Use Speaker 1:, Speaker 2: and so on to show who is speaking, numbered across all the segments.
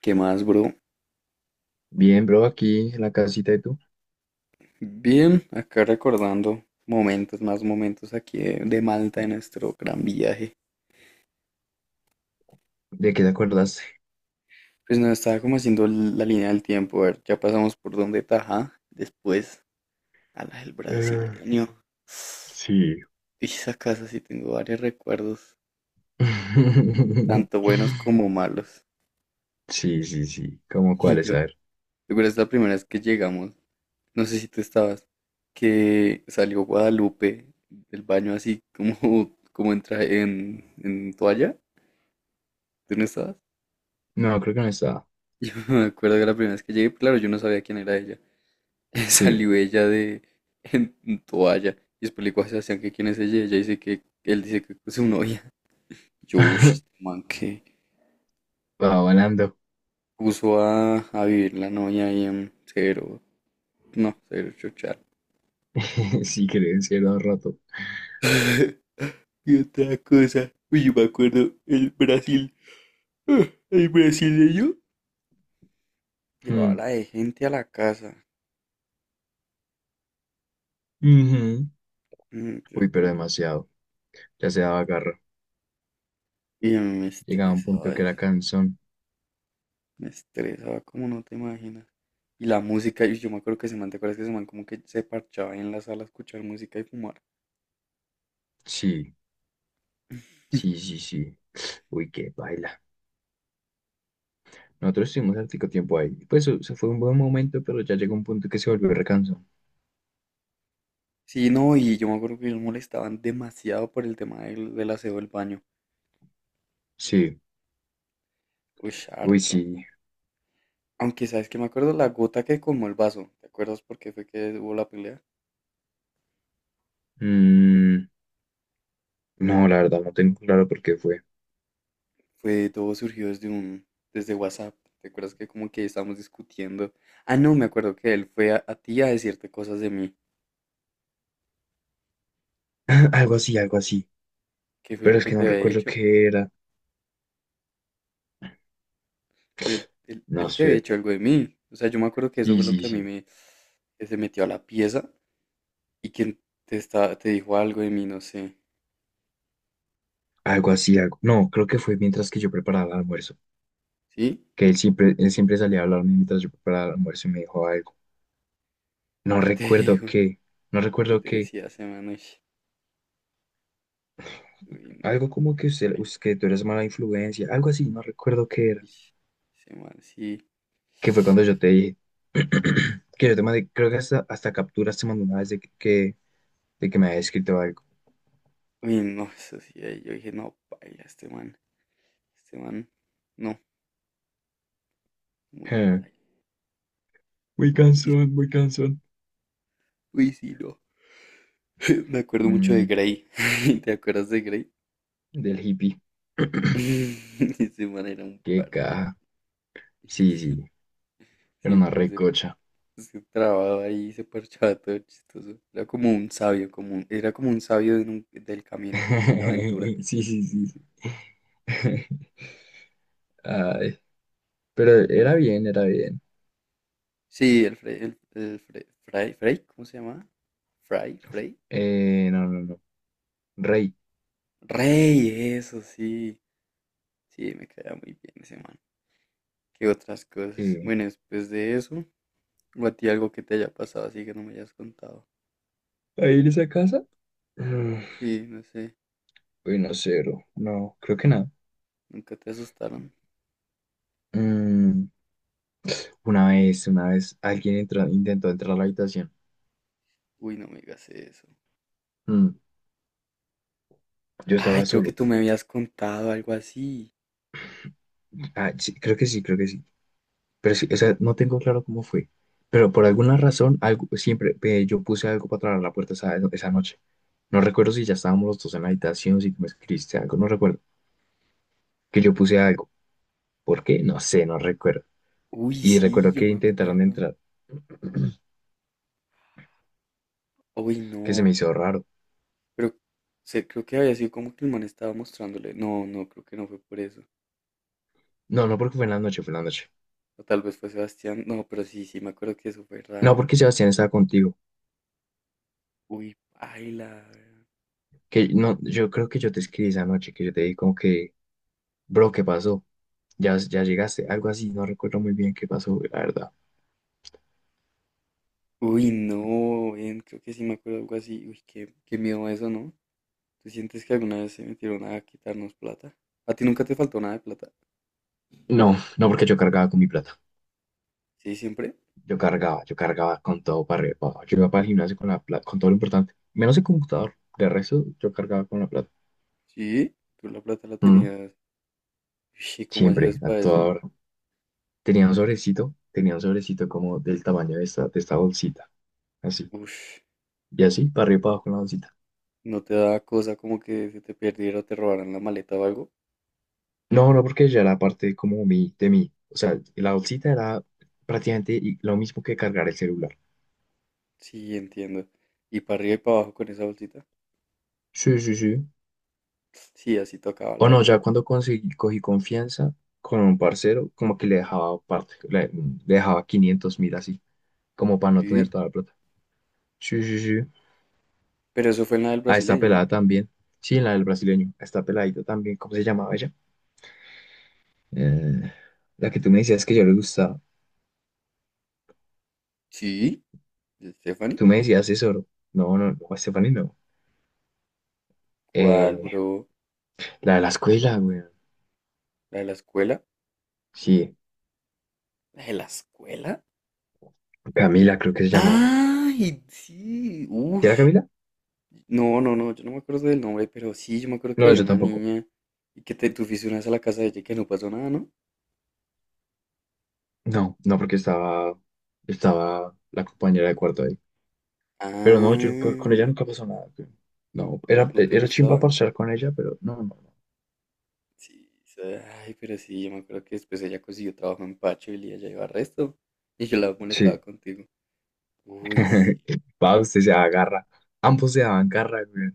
Speaker 1: ¿Qué más, bro?
Speaker 2: Bien, bro, aquí en la casita de tú.
Speaker 1: Bien, acá recordando momentos, más momentos aquí de Malta, de nuestro gran viaje.
Speaker 2: ¿De qué te acordaste?
Speaker 1: Pues nos estaba como haciendo la línea del tiempo, a ver, ya pasamos por donde Tajá, después a la del
Speaker 2: Eh,
Speaker 1: brasileño.
Speaker 2: sí.
Speaker 1: Y esa casa sí tengo varios recuerdos, tanto buenos como malos.
Speaker 2: Sí, sí, sí. ¿Cómo
Speaker 1: Y
Speaker 2: cuáles?
Speaker 1: yo, yo
Speaker 2: A ver.
Speaker 1: creo que es la primera vez que llegamos, no sé si tú estabas, que salió Guadalupe del baño así como, como en toalla, ¿tú no estabas?
Speaker 2: No, creo que no estaba.
Speaker 1: Yo me acuerdo que la primera vez que llegué, pues, claro, yo no sabía quién era ella.
Speaker 2: Sí.
Speaker 1: Salió ella de en toalla y después le digo a Sebastián que quién es ella. Ella dice que él dice que es su novia. Yo, "Ush, este man, que
Speaker 2: Va volando.
Speaker 1: puso a vivir la novia ahí en cero, no, cero chochar".
Speaker 2: Sí, creo, cierto rato.
Speaker 1: Y otra cosa, uy, yo me acuerdo, ah, el brasileño llevaba
Speaker 2: Mm.
Speaker 1: la de gente a la casa.
Speaker 2: Ujú.
Speaker 1: Mm, ¿te
Speaker 2: Uy, pero
Speaker 1: acuerdas?
Speaker 2: demasiado. Ya se daba garra.
Speaker 1: Y a mí me
Speaker 2: Llegaba a un punto
Speaker 1: estresaba
Speaker 2: que era
Speaker 1: eso.
Speaker 2: cansón.
Speaker 1: Me estresaba como no te imaginas. Y la música, y yo me acuerdo que ese man, ¿te acuerdas que ese man como que se parchaba ahí en la sala a escuchar música y fumar?
Speaker 2: Sí, sí, sí, sí. Uy, qué baila. Nosotros estuvimos hartico tiempo ahí. Pues se fue un buen momento, pero ya llegó un punto que se volvió recansón.
Speaker 1: Sí, no, y yo me acuerdo que ellos molestaban demasiado por el tema del aseo del baño.
Speaker 2: Sí,
Speaker 1: Uy,
Speaker 2: uy,
Speaker 1: harto.
Speaker 2: sí.
Speaker 1: Aunque sabes que me acuerdo la gota que colmó el vaso. ¿Te acuerdas por qué fue que hubo la pelea?
Speaker 2: Mm, no, la verdad, no tengo claro por qué fue.
Speaker 1: Fue, todo surgió desde WhatsApp. ¿Te acuerdas que como que estábamos discutiendo? Ah, no, me acuerdo que él fue a ti a decirte cosas de mí.
Speaker 2: Algo así, algo así.
Speaker 1: ¿Qué fue
Speaker 2: Pero
Speaker 1: lo
Speaker 2: es
Speaker 1: que
Speaker 2: que no
Speaker 1: te había
Speaker 2: recuerdo
Speaker 1: dicho?
Speaker 2: qué era.
Speaker 1: Pero él, él-
Speaker 2: No
Speaker 1: él te había
Speaker 2: sé.
Speaker 1: hecho algo de mí. O sea, yo me acuerdo que eso
Speaker 2: Sí,
Speaker 1: fue lo
Speaker 2: sí,
Speaker 1: que a mí
Speaker 2: sí.
Speaker 1: me... que se metió a la pieza y quien te, está, te dijo algo de mí, no sé.
Speaker 2: Algo así, algo. No, creo que fue mientras que yo preparaba el almuerzo.
Speaker 1: ¿Sí?
Speaker 2: Que él siempre salía a hablarme mientras yo preparaba el almuerzo y me dijo algo. No
Speaker 1: ¿Qué te
Speaker 2: recuerdo
Speaker 1: dijo?
Speaker 2: qué. No
Speaker 1: ¿Y qué
Speaker 2: recuerdo
Speaker 1: te
Speaker 2: qué.
Speaker 1: decía ese man? Ush, uy, no.
Speaker 2: Algo como que
Speaker 1: Baila.
Speaker 2: que tú eres mala influencia. Algo así, no recuerdo qué era.
Speaker 1: Ish, ese man, sí.
Speaker 2: Que fue cuando yo te dije. Que yo te mandé, creo que hasta capturas te mandé una vez de que me había escrito algo.
Speaker 1: Uy, no, eso sí. Ahí yo dije, no, baila este man. Este man, no, muy paila.
Speaker 2: Muy
Speaker 1: Y...
Speaker 2: cansón, muy cansón.
Speaker 1: uy, sí, no. Me acuerdo mucho de
Speaker 2: Mm,
Speaker 1: Grey. ¿Te acuerdas de Grey?
Speaker 2: Del hippie.
Speaker 1: Ese man era un
Speaker 2: Qué
Speaker 1: parche.
Speaker 2: caja. Sí, sí. Era una
Speaker 1: Siempre
Speaker 2: recocha.
Speaker 1: se trababa ahí, se parchaba todo chistoso. Era como un sabio, como era como un sabio de del camino, de la aventura.
Speaker 2: Sí, sí, sí, sí. Ay, pero era
Speaker 1: El-
Speaker 2: bien, era bien.
Speaker 1: sí, el Frey, ¿cómo se llamaba? Fray, Frey.
Speaker 2: No, no, no. Rey.
Speaker 1: Rey, eso sí. Sí, me caía muy bien ese man. ¿Qué otras cosas?
Speaker 2: Eh,
Speaker 1: Bueno, después de eso, o a ti algo que te haya pasado así que no me hayas contado.
Speaker 2: ¿Ahí en esa casa? mm,
Speaker 1: Sí, no sé,
Speaker 2: Uy, no, cero. No, creo que nada.
Speaker 1: nunca te asustaron.
Speaker 2: Mm, una vez, alguien entró, intentó entrar a la habitación.
Speaker 1: Uy, no me digas eso.
Speaker 2: Mm, yo
Speaker 1: Ay,
Speaker 2: estaba
Speaker 1: creo que
Speaker 2: solo.
Speaker 1: tú me habías contado algo así.
Speaker 2: Ah, sí, creo que sí, creo que sí. Pero sí, o sea, no tengo claro cómo fue. Pero por alguna razón, algo, siempre yo puse algo para traer la puerta esa, esa noche. No recuerdo si ya estábamos los dos en la habitación, si tú me escribiste algo, no recuerdo. Que yo puse algo. ¿Por qué? No sé, no recuerdo.
Speaker 1: Uy,
Speaker 2: Y
Speaker 1: sí,
Speaker 2: recuerdo
Speaker 1: yo
Speaker 2: que
Speaker 1: me
Speaker 2: intentaron
Speaker 1: acuerdo.
Speaker 2: entrar,
Speaker 1: Uy,
Speaker 2: que se me
Speaker 1: no.
Speaker 2: hizo raro.
Speaker 1: Pero se creo que había sido como que el man estaba mostrándole. No, no, creo que no fue por eso.
Speaker 2: No, no, porque fue en la noche, fue en la noche.
Speaker 1: O tal vez fue Sebastián. No, pero sí, sí, me acuerdo que eso fue
Speaker 2: No,
Speaker 1: raro.
Speaker 2: porque Sebastián estaba contigo.
Speaker 1: Uy, paila.
Speaker 2: Que no, yo creo que yo te escribí esa noche, que yo te dije como que, bro, ¿qué pasó? Ya, ya llegaste, algo así, no recuerdo muy bien qué pasó, la verdad.
Speaker 1: Uy, no, ven, creo que sí me acuerdo algo así. Uy, qué miedo eso, ¿no? ¿Tú sientes que alguna vez se metieron a quitarnos plata? ¿A ti nunca te faltó nada de plata?
Speaker 2: No, no porque yo cargaba con mi plata.
Speaker 1: ¿Sí, siempre?
Speaker 2: Yo cargaba con todo para arriba y para abajo. Yo iba para el gimnasio con la plata, con todo lo importante. Menos el computador. De resto, yo cargaba con la plata.
Speaker 1: ¿Sí? ¿Tú la plata la
Speaker 2: Mm,
Speaker 1: tenías? Uy, ¿cómo hacías
Speaker 2: Siempre, a
Speaker 1: para
Speaker 2: toda
Speaker 1: eso?
Speaker 2: hora. Tenía un sobrecito como del tamaño de esta bolsita. Así.
Speaker 1: Uy,
Speaker 2: Y así, para arriba y para abajo con la bolsita.
Speaker 1: no te da cosa como que se te perdiera o te robaran la maleta o algo.
Speaker 2: No, no, porque ya era parte como mi, de mí. O sea, la bolsita era prácticamente lo mismo que cargar el celular.
Speaker 1: Sí, entiendo. Y para arriba y para abajo con esa bolsita.
Speaker 2: Sí, sí, sí.
Speaker 1: Sí, así tocaba, la
Speaker 2: O no,
Speaker 1: verdad.
Speaker 2: ya cuando conseguí, cogí confianza con un parcero, como que le dejaba parte, le dejaba 500 mil así, como para no tener
Speaker 1: Sí,
Speaker 2: toda la plata. Sí, sí, sí.
Speaker 1: pero eso fue en la del
Speaker 2: A esta
Speaker 1: brasileño,
Speaker 2: pelada
Speaker 1: ¿no?
Speaker 2: también. Sí, en la del brasileño. A esta peladita también. ¿Cómo se llamaba ella? Eh, la que tú me decías que yo le gustaba.
Speaker 1: Sí, de Stephanie.
Speaker 2: Tú me decías eso, ¿no? No, no, no, Stephanie no.
Speaker 1: ¿Cuál,
Speaker 2: Eh,
Speaker 1: bro?
Speaker 2: la de la escuela, güey.
Speaker 1: ¿La de la escuela?
Speaker 2: Sí,
Speaker 1: ¿La de la escuela?
Speaker 2: Camila creo que se llamaba.
Speaker 1: ¡Ay, sí!
Speaker 2: ¿Sí
Speaker 1: ¡Uf!
Speaker 2: era Camila?
Speaker 1: No, no, no, yo no me acuerdo del nombre, pero sí, yo me acuerdo que
Speaker 2: No,
Speaker 1: había
Speaker 2: yo
Speaker 1: una
Speaker 2: tampoco.
Speaker 1: niña y que te tú fuiste una vez a la casa de ella y que no pasó nada, ¿no?
Speaker 2: No, no, estaba la compañera de cuarto ahí. Pero no, yo con ella
Speaker 1: Ah,
Speaker 2: nunca pasó nada, güey. No,
Speaker 1: ¿no,
Speaker 2: era,
Speaker 1: no te
Speaker 2: era chimba
Speaker 1: gustaba?
Speaker 2: parchar con ella, pero no, no, no.
Speaker 1: Sí, o ay, pero sí, yo me acuerdo que después ella consiguió trabajo en Pacho y ella iba a resto. Y yo la molestaba
Speaker 2: Sí,
Speaker 1: contigo. Uy, sí.
Speaker 2: va, usted se agarra. Ambos se daban garra, güey.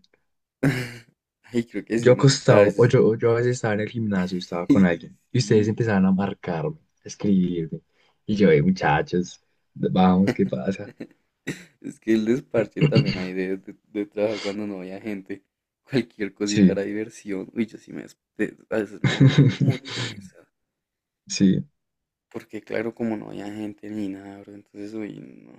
Speaker 1: Ay, creo que sí,
Speaker 2: Yo
Speaker 1: muchas
Speaker 2: acostado, o
Speaker 1: veces.
Speaker 2: yo, o yo a veces estaba en el gimnasio, estaba con
Speaker 1: Ay,
Speaker 2: alguien, y ustedes
Speaker 1: sí.
Speaker 2: empezaban a marcarme, a escribirme. Y yo, muchachos, vamos, ¿qué pasa?
Speaker 1: Es que el desparche también hay de trabajar cuando no había gente. Cualquier cosita
Speaker 2: Sí.
Speaker 1: era diversión. Uy, yo sí me, a veces me aburría mucho en esa.
Speaker 2: Sí,
Speaker 1: Porque claro, como no había gente ni nada, bro, entonces, uy, no.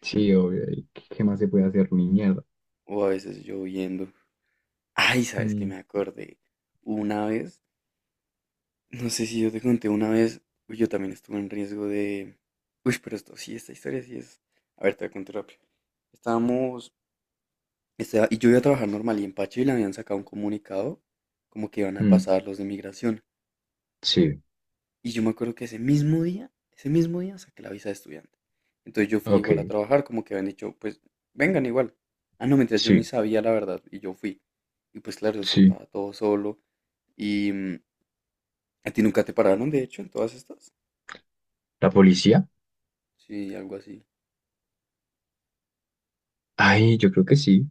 Speaker 2: sí, obvio. ¿Qué más se puede hacer, mi mierda?
Speaker 1: O a veces lloviendo. Ay, ¿sabes qué
Speaker 2: Mm,
Speaker 1: me acordé? Una vez... no sé si yo te conté una vez, uy, yo también estuve en riesgo de... Uy, pero esto sí, esta historia sí es... A ver, te voy a contar rápido. Estábamos... y yo iba a trabajar normal y en Pacho y le habían sacado un comunicado como que iban a
Speaker 2: mm,
Speaker 1: pasar los de migración.
Speaker 2: sí,
Speaker 1: Y yo me acuerdo que ese mismo día saqué la visa de estudiante. Entonces yo fui igual a
Speaker 2: ok,
Speaker 1: trabajar, como que habían dicho, pues vengan igual. Ah, no, mientras yo ni
Speaker 2: sí,
Speaker 1: sabía la verdad y yo fui. Y pues claro, eso
Speaker 2: sí.
Speaker 1: estaba todo solo. Y mm, a ti nunca te pararon, de hecho, en todas estas.
Speaker 2: ¿La policía?
Speaker 1: Sí, algo así.
Speaker 2: Ay, yo creo que sí.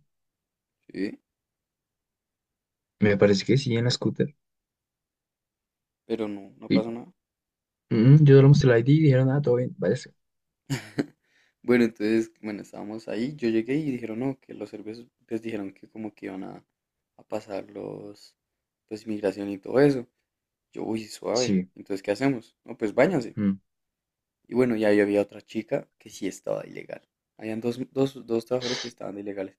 Speaker 1: ¿Sí?
Speaker 2: Me parece que sí, en la scooter.
Speaker 1: Pero no, no
Speaker 2: Y,
Speaker 1: pasó nada.
Speaker 2: yo solo mostré la ID y dijeron, ah, todo bien, váyase.
Speaker 1: Bueno, entonces, bueno, estábamos ahí, yo llegué y dijeron, no, que los serbios pues dijeron que como que iban a pasar pues inmigración y todo eso. Yo, uy, suave,
Speaker 2: Sí,
Speaker 1: entonces, ¿qué hacemos? No, pues váyanse.
Speaker 2: mm,
Speaker 1: Y bueno, ya ahí había otra chica que sí estaba de ilegal. Habían dos trabajadores que estaban de ilegales.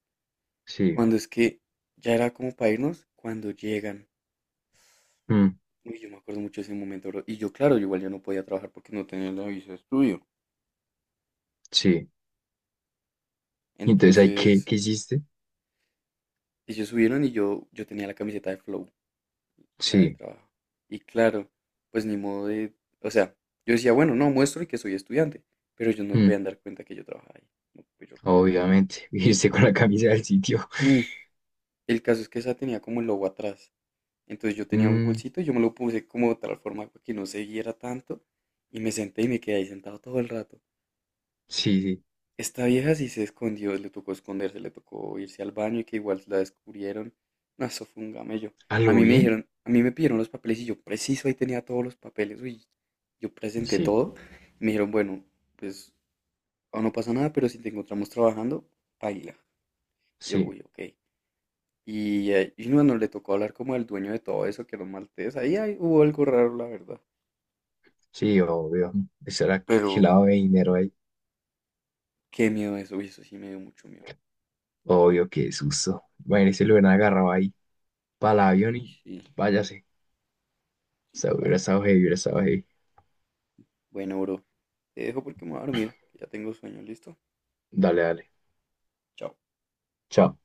Speaker 2: sí.
Speaker 1: Cuando es que ya era como para irnos, cuando llegan,
Speaker 2: Mm,
Speaker 1: uy, yo me acuerdo mucho de ese momento, bro. Y yo, claro, yo igual ya no podía trabajar porque no tenía la visa de estudio.
Speaker 2: sí. Entonces, ¿hay qué,
Speaker 1: Entonces,
Speaker 2: qué hiciste?
Speaker 1: ellos subieron y yo tenía la camiseta de Flow, la del
Speaker 2: Sí.
Speaker 1: trabajo. Y claro, pues ni modo de, o sea, yo decía, bueno, no, muestro y que soy estudiante, pero ellos no me
Speaker 2: Mm,
Speaker 1: podían dar cuenta que yo trabajaba ahí. No fui yo por él.
Speaker 2: Obviamente. Irse con la camisa del sitio.
Speaker 1: Mm, el caso es que esa tenía como el logo atrás. Entonces yo tenía un
Speaker 2: Mm,
Speaker 1: bolsito y yo me lo puse como de tal forma que no se viera tanto y me senté y me quedé ahí sentado todo el rato.
Speaker 2: sí, sí.
Speaker 1: Esta vieja sí se escondió, le tocó esconderse, le tocó irse al baño y que igual la descubrieron. No, eso fue un gamello.
Speaker 2: ¿A
Speaker 1: A
Speaker 2: lo
Speaker 1: mí me
Speaker 2: bien?
Speaker 1: dijeron, a mí me pidieron los papeles y yo preciso ahí tenía todos los papeles. Uy, yo presenté
Speaker 2: Sí,
Speaker 1: todo. Y me dijeron, bueno, pues aún no pasa nada, pero si te encontramos trabajando, baila. Yo,
Speaker 2: sí,
Speaker 1: uy, ok. Y bueno, le tocó hablar como al dueño de todo eso, que era un maltés. Ahí, ahí hubo algo raro, la verdad.
Speaker 2: sí, obvio. Eso era que
Speaker 1: Pero uy,
Speaker 2: lavado de dinero ahí.
Speaker 1: qué miedo eso, uy, eso sí me dio mucho miedo.
Speaker 2: Obvio, qué susto. Imagínese, si lo hubieran agarrado ahí para el avión
Speaker 1: Y
Speaker 2: y
Speaker 1: sí,
Speaker 2: váyase. O
Speaker 1: y
Speaker 2: sea, hubiera
Speaker 1: baila.
Speaker 2: estado heavy, hubiera estado heavy.
Speaker 1: Bueno, bro, te dejo porque me voy a dormir, que ya tengo sueño, ¿listo?
Speaker 2: Dale, dale.
Speaker 1: Chao.
Speaker 2: Chao.